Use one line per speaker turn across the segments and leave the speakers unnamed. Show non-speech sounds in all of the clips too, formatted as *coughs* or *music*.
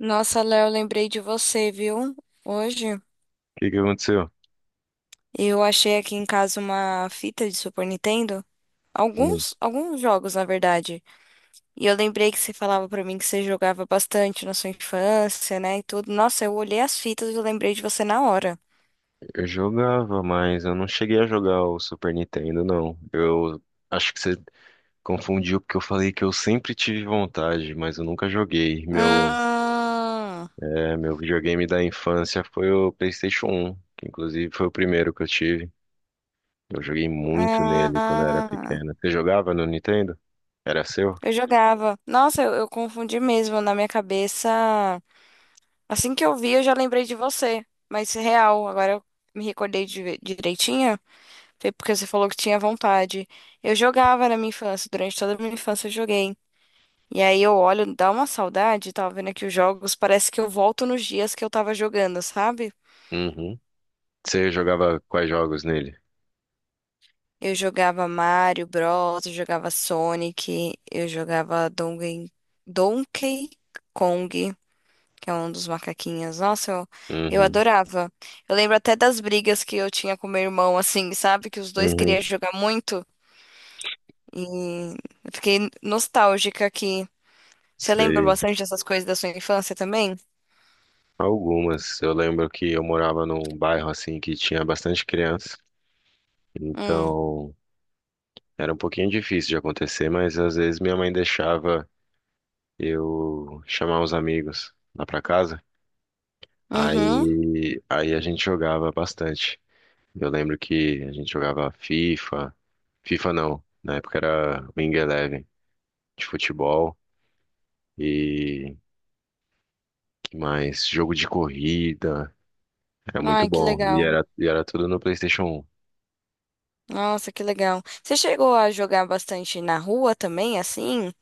Nossa, Léo, lembrei de você, viu? Hoje
Que aconteceu?
eu achei aqui em casa uma fita de Super Nintendo.
Hum,
Alguns jogos, na verdade. E eu lembrei que você falava pra mim que você jogava bastante na sua infância, né? E tudo. Nossa, eu olhei as fitas e eu lembrei de você na hora.
Eu jogava, mas eu não cheguei a jogar o Super Nintendo, não. Eu acho que você confundiu porque eu falei que eu sempre tive vontade, mas eu nunca joguei.
Hum,
Meu, meu videogame da infância foi o PlayStation 1, que inclusive foi o primeiro que eu tive. Eu joguei muito nele quando eu era
ah,
pequena. Você jogava no Nintendo? Era seu?
eu jogava. Nossa, eu confundi mesmo na minha cabeça. Assim que eu vi, eu já lembrei de você. Mas real, agora eu me recordei de, direitinho. Foi porque você falou que tinha vontade. Eu jogava na minha infância, durante toda a minha infância eu joguei. E aí eu olho, dá uma saudade, tava vendo aqui os jogos, parece que eu volto nos dias que eu tava jogando, sabe?
Uhum. Você jogava quais jogos nele?
Eu jogava Mario Bros, eu jogava Sonic, eu jogava Donkey, Donkey Kong, que é um dos macaquinhos. Nossa, eu
Uhum.
adorava. Eu lembro até das brigas que eu tinha com meu irmão, assim, sabe? Que os dois
Uhum.
queriam jogar muito. E eu fiquei nostálgica aqui. Você lembra
Sei.
bastante dessas coisas da sua infância também?
Algumas. Eu lembro que eu morava num bairro assim que tinha bastante criança,
Hum.
então era um pouquinho difícil de acontecer, mas às vezes minha mãe deixava eu chamar os amigos lá pra casa.
Uhum.
Aí a gente jogava bastante. Eu lembro que a gente jogava FIFA, FIFA não, na época era Wing Eleven de futebol e que mais? Jogo de corrida, era muito
Ai, que
bom. E
legal.
era, e era tudo no PlayStation
Nossa, que legal. Você chegou a jogar bastante na rua também, assim?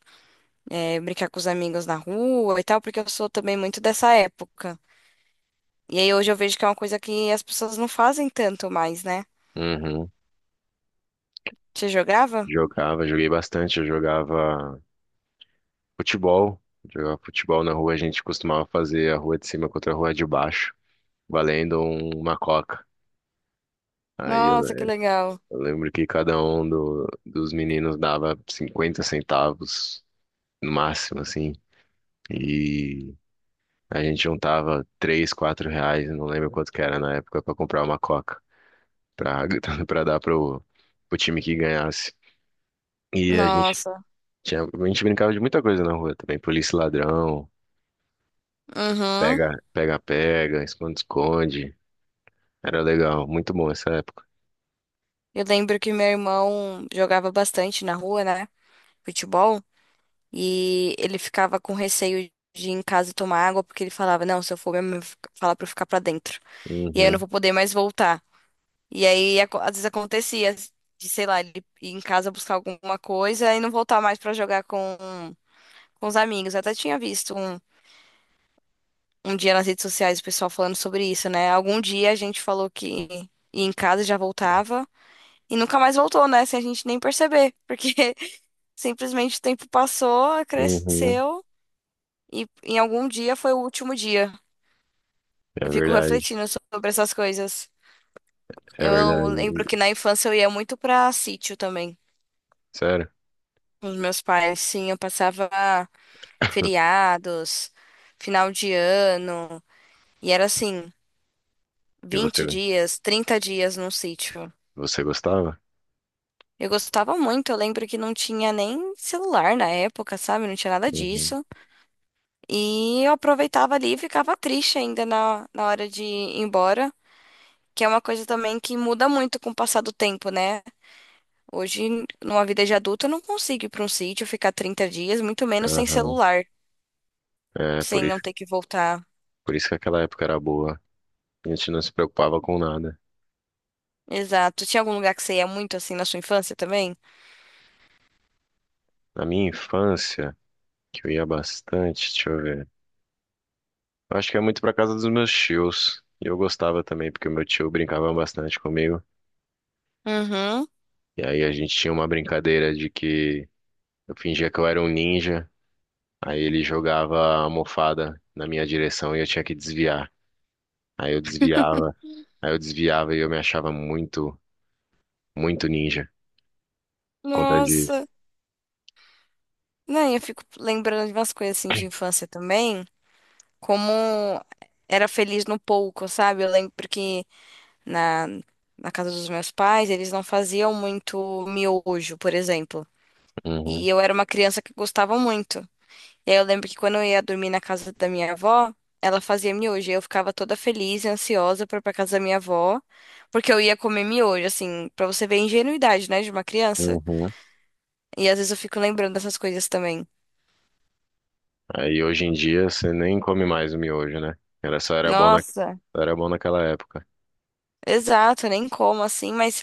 É, brincar com os amigos na rua e tal, porque eu sou também muito dessa época. E aí hoje eu vejo que é uma coisa que as pessoas não fazem tanto mais, né?
1.
Você jogava?
Jogava, joguei bastante, eu futebol, jogava futebol na rua, a gente costumava fazer a rua de cima contra a rua de baixo, valendo uma coca. Aí eu,
Nossa, que legal.
eu lembro que cada um dos meninos dava 50 centavos no máximo, assim, e a gente juntava 3 4 reais, eu não lembro quanto que era na época, pra comprar uma coca, pra, *laughs* pra dar pro time que ganhasse. E
Nossa.
a gente brincava de muita coisa na rua também, polícia e ladrão,
Uhum.
pega, pega, pega, esconde, esconde. Era legal, muito bom essa época.
Eu lembro que meu irmão jogava bastante na rua, né? Futebol. E ele ficava com receio de ir em casa e tomar água, porque ele falava, não, se eu for, minha mãe vai falar pra eu ficar pra dentro. E aí eu não
Uhum,
vou poder mais voltar. E aí, às vezes acontecia de, sei lá, ele ir em casa buscar alguma coisa e não voltar mais pra jogar com os amigos. Eu até tinha visto um dia nas redes sociais o pessoal falando sobre isso, né? Algum dia a gente falou que ia em casa e já voltava. E nunca mais voltou, né? Sem a gente nem perceber. Porque *laughs* simplesmente o tempo passou,
uhum.
cresceu. E em algum dia foi o último dia.
É
Eu fico
verdade,
refletindo sobre essas coisas.
é
Eu lembro
verdade.
que na infância eu ia muito pra sítio também,
Sério?
com os meus pais. Sim, eu passava
*coughs*
feriados, final de ano, e era assim,
E você,
20 dias, 30 dias num sítio.
você gostava?
Eu gostava muito, eu lembro que não tinha nem celular na época, sabe? Não tinha nada
Uhum,
disso. E eu aproveitava ali e ficava triste ainda na hora de ir embora. Que é uma coisa também que muda muito com o passar do tempo, né? Hoje, numa vida de adulta, eu não consigo ir para um sítio, ficar 30 dias, muito menos sem
aham.
celular,
É, por
sem
isso,
não ter que voltar.
por isso que aquela época era boa. A gente não se preocupava com nada.
Exato. Tinha algum lugar que você ia muito assim na sua infância também?
Na minha infância, que eu ia bastante, deixa eu ver. Eu acho que é muito pra casa dos meus tios. E eu gostava também, porque o meu tio brincava bastante comigo.
Uhum.
E aí a gente tinha uma brincadeira de que eu fingia que eu era um ninja. Aí ele jogava a almofada na minha direção e eu tinha que desviar. Aí eu desviava, aí eu desviava e eu me achava muito, muito ninja por conta
Nossa.
disso.
Não, eu fico lembrando de umas coisas assim de infância também, como era feliz no pouco, sabe? Eu lembro que na, na casa dos meus pais, eles não faziam muito miojo, por exemplo.
Uhum,
E eu era uma criança que gostava muito. E aí eu lembro que quando eu ia dormir na casa da minha avó, ela fazia miojo. E eu ficava toda feliz e ansiosa pra ir pra casa da minha avó, porque eu ia comer miojo, assim, pra você ver a ingenuidade, né, de uma criança.
uhum.
E às vezes eu fico lembrando dessas coisas também.
Aí hoje em dia você nem come mais o miojo, né? Era
Nossa,
só era bom naquela época.
exato, eu nem como assim, mas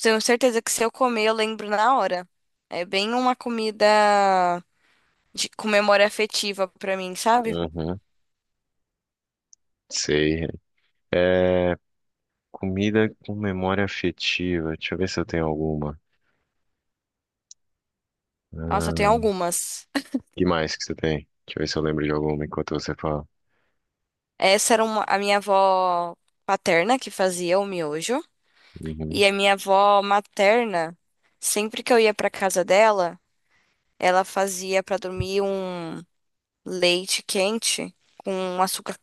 tenho certeza que se eu comer, eu lembro na hora. É bem uma comida de, com memória afetiva pra mim, sabe?
Uhum, sei. É, comida com memória afetiva. Deixa eu ver se eu tenho alguma.
Nossa, eu tenho
Ah,
algumas.
que mais que você tem? Deixa eu ver se eu lembro de alguma enquanto você fala.
Essa era uma, a minha avó paterna que fazia o miojo.
Uhum,
E a minha avó materna, sempre que eu ia pra casa dela, ela fazia pra dormir um leite quente com açúcar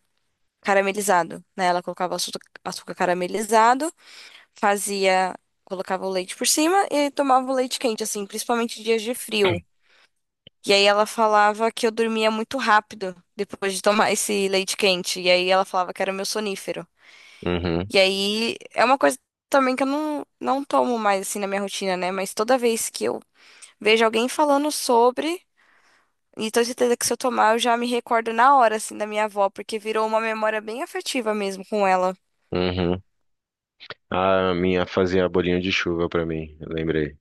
caramelizado, né? Ela colocava açúcar caramelizado, fazia, colocava o leite por cima e tomava o leite quente, assim, principalmente em dias de frio. E aí ela falava que eu dormia muito rápido depois de tomar *laughs* esse leite quente. E aí ela falava que era meu sonífero.
uhum,
E aí é uma coisa também que eu não tomo mais assim na minha rotina, né? Mas toda vez que eu vejo alguém falando sobre, e tenho certeza que se eu tomar, eu já me recordo na hora, assim, da minha avó, porque virou uma memória bem afetiva mesmo com ela.
uhum. Ah, a minha fazia bolinho de chuva pra mim, eu lembrei.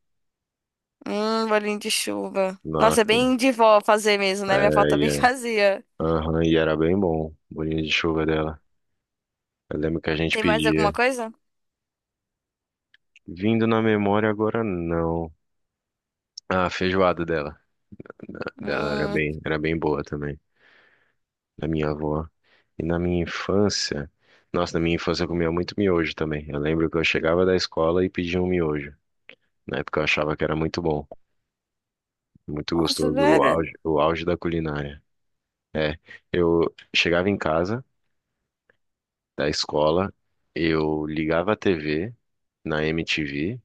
Bolinho de chuva. Nossa, é
Nossa,
bem de vó fazer mesmo,
é,
né? Minha avó
e
também *laughs*
é-
fazia.
aham, e era bem bom, bolinho de chuva dela. Eu lembro que a gente
Tem mais alguma
pedia.
coisa?
Vindo na memória agora, não. Ah, a feijoada dela. Dela
Hum,
era bem boa também, da minha avó. E na minha infância, nossa, na minha infância eu comia muito miojo também. Eu lembro que eu chegava da escola e pedia um miojo. Na época eu achava que era muito bom, muito
nossa,
gostoso,
velho.
o auge da culinária. É, eu chegava em casa da escola, eu ligava a TV na MTV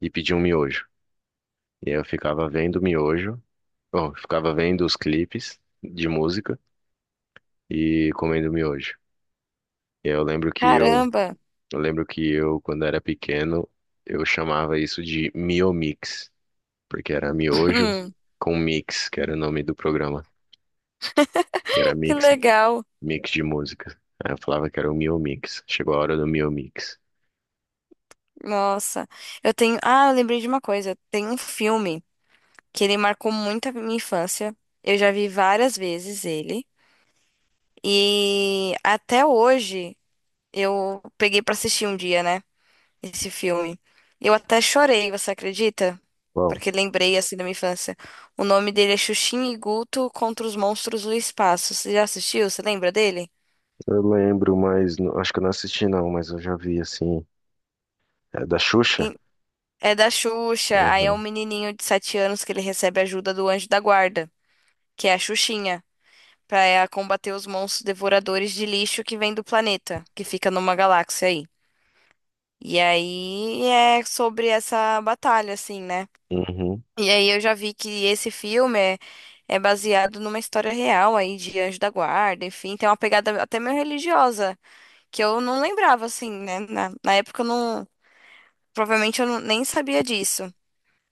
e pedia um miojo. E aí eu ficava vendo miojo, bom, ficava vendo os clipes de música e comendo miojo. E aí
Caramba. *laughs*
eu lembro que eu, quando era pequeno, eu chamava isso de Miomix, porque era miojo
Hum,
com mix, que era o nome do programa. Era
que
mix,
legal.
mix de música. Aí eu falava que era o Miomix. Chegou a hora do Miomix.
Nossa, eu tenho. Ah, eu lembrei de uma coisa. Tem um filme que ele marcou muito a minha infância. Eu já vi várias vezes ele. E até hoje. Eu peguei pra assistir um dia, né? Esse filme. Eu até chorei, você acredita?
Bom,
Porque lembrei assim da minha infância. O nome dele é Xuxinha e Guto Contra os Monstros do Espaço. Você já assistiu? Você lembra dele?
eu lembro, mas acho que eu não assisti não, mas eu já vi assim. É da Xuxa?
Em- É da Xuxa. Aí é um
Uhum.
menininho de 7 anos que ele recebe ajuda do anjo da guarda, que é a Xuxinha, pra ela combater os monstros devoradores de lixo que vem do planeta, que fica numa galáxia aí. E aí é sobre essa batalha, assim, né?
Uhum,
E aí eu já vi que é baseado numa história real aí de Anjo da Guarda, enfim, tem uma pegada até meio religiosa, que eu não lembrava, assim, né? Na época eu não. Provavelmente eu nem sabia disso.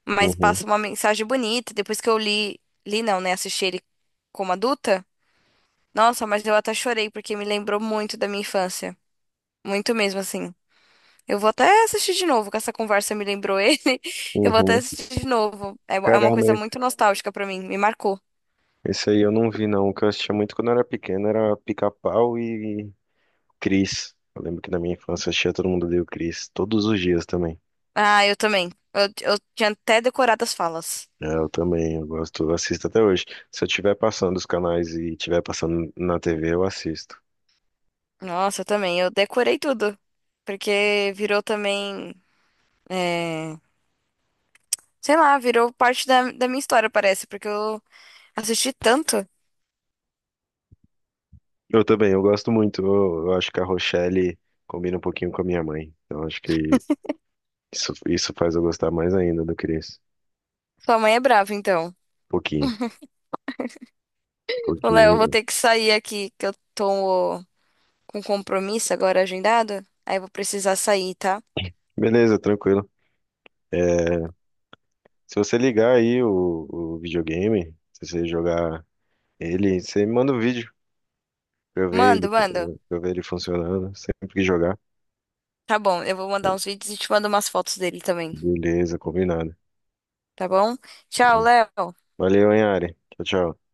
Mas
uhum,
passa uma mensagem bonita. Depois que eu li, li não, né? Assisti ele como adulta. Nossa, mas eu até chorei, porque me lembrou muito da minha infância. Muito mesmo, assim. Eu vou até assistir de novo, que essa conversa me lembrou ele. *laughs* Eu vou até
uhum.
assistir de novo. É uma
Caramba,
coisa muito nostálgica pra mim, me marcou.
esse aí eu não vi não. O que eu assistia muito quando eu era pequeno era Pica-Pau e Cris. Eu lembro que na minha infância eu assistia Todo Mundo Odeia o Cris, todos os dias também.
Ah, eu também. Eu tinha até decorado as falas.
É, eu também, eu gosto, eu assisto até hoje. Se eu estiver passando os canais e estiver passando na TV, eu assisto.
Nossa, eu também. Eu decorei tudo. Porque virou também. É, sei lá, virou parte da minha história, parece. Porque eu assisti tanto.
Eu também, eu gosto muito. Eu acho que a Rochelle combina um pouquinho com a minha mãe. Então acho que isso faz eu gostar mais ainda do Chris.
Sua mãe é brava, então.
Pouquinho,
Ô, Léo, eu vou
pouquinho.
ter que sair aqui, que eu tô com compromisso agora agendado. Aí eu vou precisar sair, tá?
Beleza, tranquilo. É, se você ligar aí o videogame, se você jogar ele, você me manda um vídeo pra eu ver ele,
Mando, mando.
funcionando, sempre que jogar.
Tá bom, eu vou mandar uns vídeos e te mando umas fotos dele também.
Beleza, combinado.
Tá bom? Tchau, Léo.
Valeu, hein, Ari. Tchau, tchau.